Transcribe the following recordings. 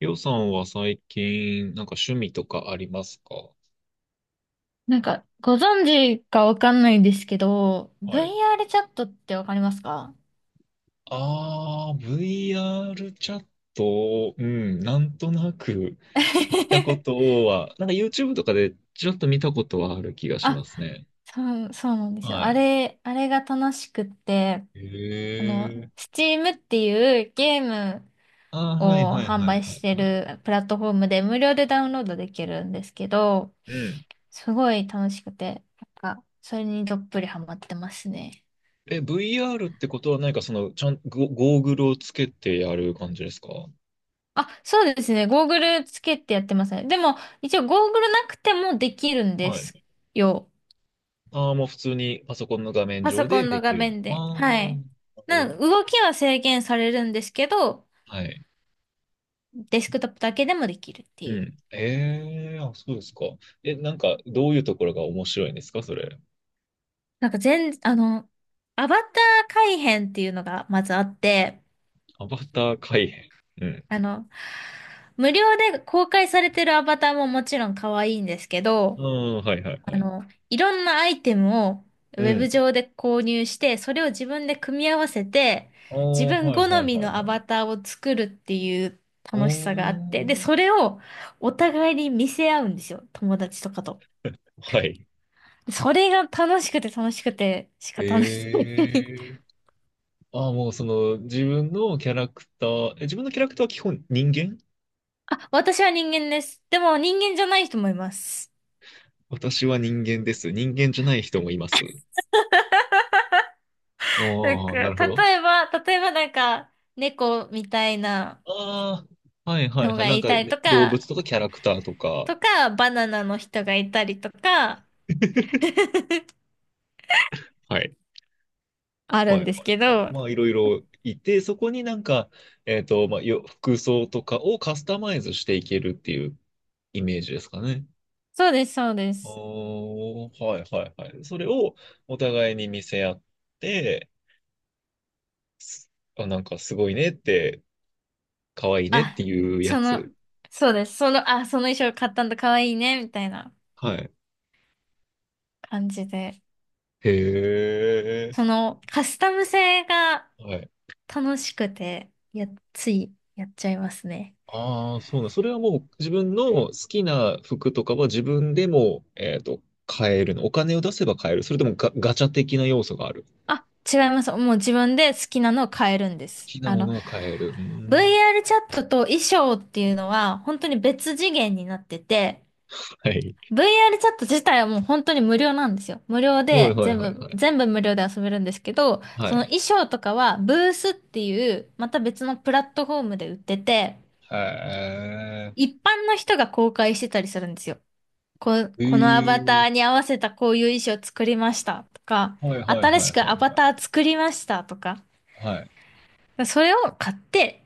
りょうさんは最近、なんか趣味とかありますか？ご存知かわかんないんですけど、はい。VR チャットってわかりますか？ ああ、VR チャット、うん、なんとなく聞いたこ とは、なんか YouTube とかでちょっと見たことはある気がしあ、ますね。そうなんですよ。はあい。れ、あれが楽しくって、へえ。Steam っていうゲームああ、はいをはい販はい売はしいてはい。るプラットフォームで無料でダウンロードできるんですけど、うん。すごい楽しくて、それにどっぷりハマってますね。え、VR ってことは何かその、ちゃん、ゴゴーグルをつけてやる感じですか？あ、そうですね。ゴーグルつけてやってますね。でも、一応ゴーグルなくてもできるんではい。すよ。ああ、もう普通にパソコンの画面パソ上コでンでの画きる。面あで。はあ、い。なるほど。動きは制限されるんですけど、はい。デスクトップだけでもできるってういう。ん。ええーあ、そうですか。え、なんか、どういうところが面白いんですか、それ。なんか全、あの、アバター改変っていうのがまずあって、アバター改変。うん。あの、無料で公開されてるアバターももちろん可愛いんですけうど、ん、はいはいあはい。の、いろんなアイテムをウうェブん。上で購入して、それを自分で組み合わせて、あ自あ、分はい好はいみはいのアはい。バターを作るっていうう楽しさーがあって、で、そん。れをお互いに見せ合うんですよ。友達とかと。はい。それが楽しくて楽しくて仕方ない。え えーああ、もうその、自分のキャラクターは基本人間、私は人間です。でも人間じゃない人もいます。私は人間です。人間じゃない人もいます。ああ、なるほど。例えば猫みたいなああ、はいはいのはい。がなんいかたりね、と動物か、とかキャラクターとか。バナナの人がいたりとか、はい。あるはいんはですけいはい。ど、まあ、いろいろいて、そこになんか、まあ、服装とかをカスタマイズしていけるっていうイメージですかね。そうです、そうです。おあ、はいはいはい。それをお互いに見せ合って、あ、なんかすごいねって、可愛いねっあ、ていうやその、つ。そうです、あ、その衣装買ったんだ、かわいいね、みたいなはい。感じで。へえ。カスタム性がはい。楽しくて、ついやっちゃいますね。ああ、そうなん。それはもう自分の好きな服とかは自分でも、買えるの。お金を出せば買える。それともガチャ的な要素がある。あ、違います。もう自分で好きなのを変えるんで好す。きなものが買える。うん。VR チャットと衣装っていうのは、本当に別次元になってて、はい。VR チャット自体はもう本当に無料なんですよ。無料はいではい全はい部、はい。全部無料で遊べるんですけど、はそのい。衣装とかはブースっていう、また別のプラットフォームで売ってて、へえ。一般の人が公開してたりするんですよ。このアへバタえ。ーに合わせたこういう衣装作りましたとか、はいはいはい新はしくアバいはい。ター作りましたとか、はい。それを買って、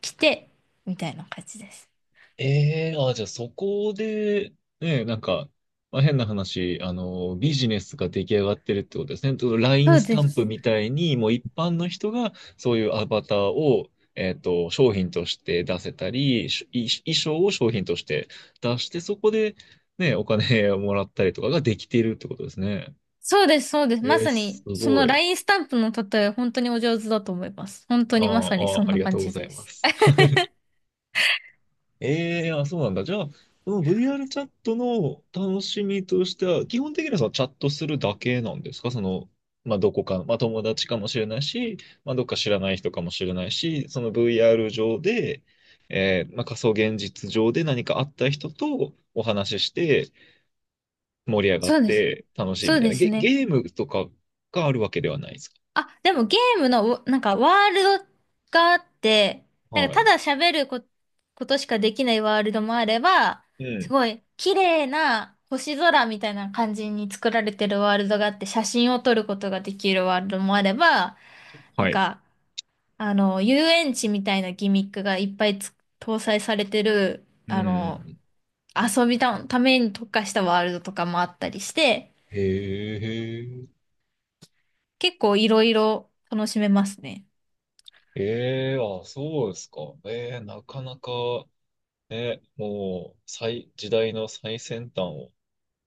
着て、みたいな感じです。ええーあ、じゃあそこで、ね、なんか、まあ、変な話、ビジネスが出来上がってるってことですね。と そ LINE うスでタンプす。みたいに、もう一般の人がそういうアバターを、商品として出せたり、衣装を商品として出して、そこで、ね、お金をもらったりとかができているってことですね。そうです。まえー、さすに、そごのラい。インスタンプの例え、本当にお上手だと思います。本当あにまさにーそあー、んありなが感とうごじざいでます。す。えー、あ、そうなんだ。じゃあ、その VR チャットの楽しみとしては、基本的にはそのチャットするだけなんですか？その、まあ、どこか、まあ、友達かもしれないし、まあ、どっか知らない人かもしれないし、その VR 上で、まあ、仮想現実上で何かあった人とお話しして、盛り上がっそうです。て楽しいそみうたいでな。すね。ゲームとかがあるわけではないですか？あ、でもゲームの、ワールドがあって、はたい。だ喋るこ、ことしかできないワールドもあれば、うすん。ごい綺麗な星空みたいな感じに作られてるワールドがあって、写真を撮ることができるワールドもあれば、なはんい。か遊園地みたいなギミックがいっぱいつ搭載されてる、うん。遊びた、ために特化したワールドとかもあったりして、へえ、結構いろいろ楽しめますね。ええ、あ、そうですか。ええ、なかなか、ね、もう、時代の最先端を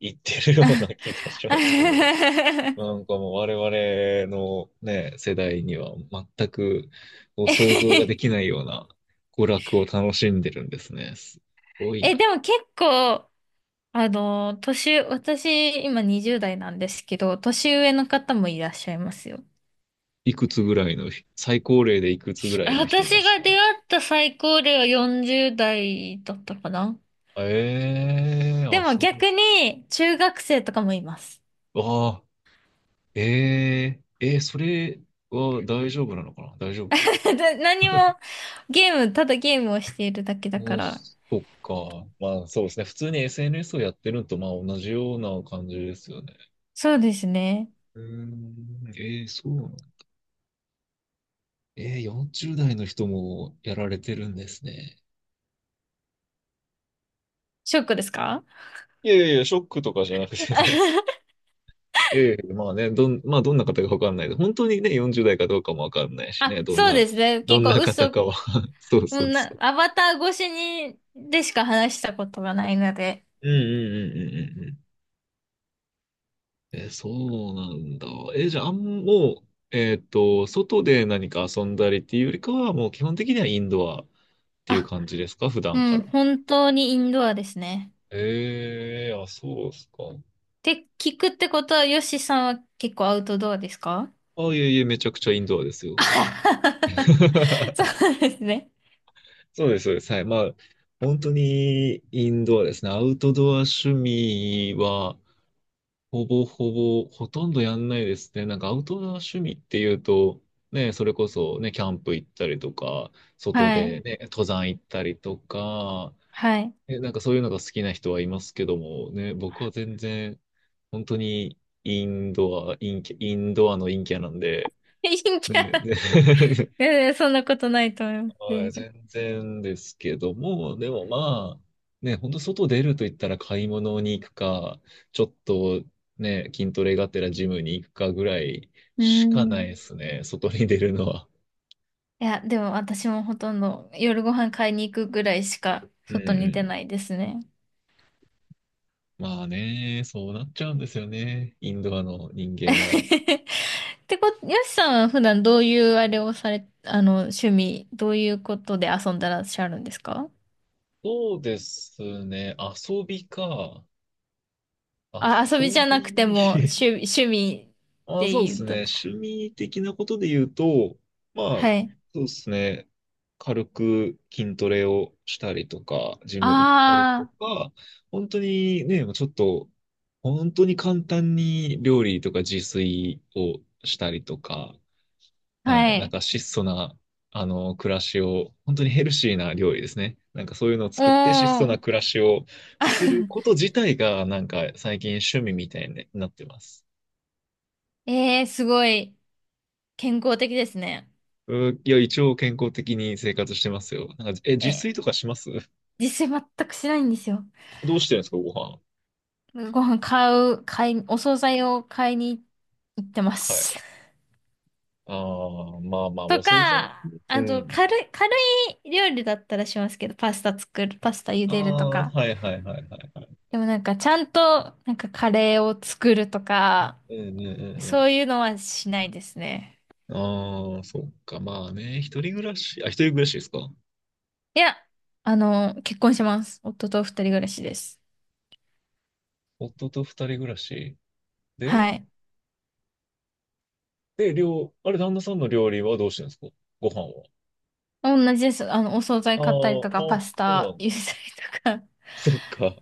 行ってるような気がしますけど、なんかもう我々のね、世代には全くこう想像ができないような娯楽を楽しんでるんですね。すごいえ、な。でも結構、私、今20代なんですけど、年上の方もいらっしゃいますよ。いくつぐらいの、最高齢でいくつぐらいの人私いましが出た？会った最高齢は40代だったかな。ええ、であ、もそう。逆に、中学生とかもいます。あ、えー、えー、それは大丈夫なのかな、大丈夫か。ただ何も、ゲーム、ただゲームをしているだけだかもう、ら。そっか。まあ、そうですね。普通に SNS をやってるのと、まあ、同じような感じですよね。そうですね。うーん、えー、そうなの。えー、40代の人もやられてるんですね。ショックですか？ いやいやいや、ショックとかじゃなくて です。いやいやいや、まあね、まあどんな方かわかんない。本当にね、40代かどうかもわかんないしね、あ、そうですね。ど結ん構な方嘘、もかは。そうそううそな、う。アバター越しに、でしか話したことがないので。うんうんうんうんうん、え、そうなんだ。え、じゃあ、もう、外で何か遊んだりっていうよりかは、もう基本的にはインドアっていうあ、感じですか、普う段かん、ら。本当にインドアですね。ええ、あ、そうですか。って聞くってことは、ヨシさんは結構アウトドアですか？あ、いえいえ、めちゃくちゃインドアですあよ。はは。 そ うですね。そうです、そうです。はい。まあ、本当にインドアですね。アウトドア趣味は、ほぼほぼ、ほとんどやんないですね。なんかアウトドア趣味っていうと、ね、それこそね、キャンプ行ったりとか、外はい。でね、登山行ったりとか、はい。ね、なんかそういうのが好きな人はいますけども、ね、僕は全然、本当にインドア、インドアの陰キャなんで、陰ね、キャ。ね い やいやそんなことないと思います。は全い、然。全然ですけども、でもまあ、ね、本当外出ると言ったら買い物に行くか、ちょっとね、筋トレがてらジムに行くかぐらいうーしかないん。ですね、外に出るのは。いや、でも私もほとんど夜ご飯買いに行くぐらいしかうんう外に出ん。ないですね。まあね、そうなっちゃうんですよね、インドアの人 間は。ってこと、よしさんは普段どういうあれをされ、あの、趣味、どういうことで遊んでらっしゃるんですか？そうですね、遊びか。あ、遊びじ遊ゃなくび。ても趣味っあ、てそうで言すうね。と。趣味的なことで言うと、まあ、はい。そうですね。軽く筋トレをしたりとか、ジム行ったりとあか、本当にね、もうちょっと、本当に簡単に料理とか自炊をしたりとか、あ、ははい、なんい。か質素な、暮らしを、本当にヘルシーな料理ですね。なんかそういうのをお作って質素なー。暮らしをする こと自体が、なんか最近趣味みたいになってます。ええー、すごい健康的ですね。いや、一応健康的に生活してますよ。なんか、え、自え、炊とかします？実践全くしないんですよ。どうしてるんですか、ご飯。ご飯買う、買い、お惣菜を買いに行ってまはす。い。ああ、まあまあ、とお惣菜。か、うあと、ん。軽い料理だったらしますけど、パスタ茹あでるとあ、か。はいはいはいはい。でもなんか、ちゃんと、なんかカレーを作るとか、うんうんうそんういうのはしないですね。うん。ああ、そっか。まあね、一人暮らしですか。いや、あの、結婚します。夫と二人暮らしです。夫と二人暮らし。で、はい。料、あれ、旦那さんの料理はどうしてるんですか？ご飯は。同じです。あの、お惣あ菜あ、あ、買ったりとか、パそスうタなん茹だ。でたりとか。そっか。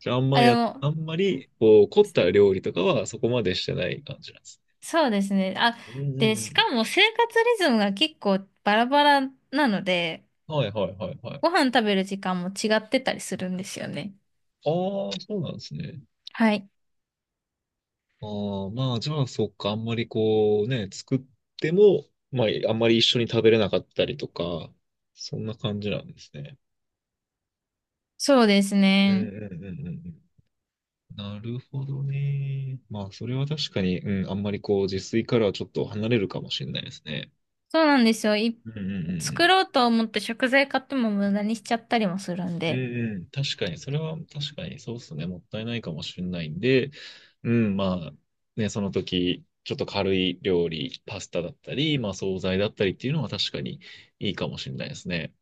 じゃあ、あん あ、までや、も、あんまり、こう、凝った料理とかはそこまでしてない感じなんですそうですね。あ、ね。うんうんで、うしん。かも生活リズムが結構バラバラなので、はいはいはいはい。ご飯食べる時間も違ってたりするんですよね。ああ、そうなんですね。はい。ああ、まあ、じゃあ、そっか、あんまりこうね、作っても、まあ、あんまり一緒に食べれなかったりとか、そんな感じなんですね。そうですうんね。うんうんうんうん。なるほどね。まあ、それは確かに、うん、あんまりこう、自炊からはちょっと離れるかもしれないですね。そうなんですよ。うんうんうんう作ん。ろうと思って食材買っても無駄にしちゃったりもするんうんで。うん、確かに、それは確かにそうですね、もったいないかもしれないんで、うん、まあ、ね、その時、ちょっと軽い料理、パスタだったり、まあ、惣菜だったりっていうのは確かにいいかもしれないですね。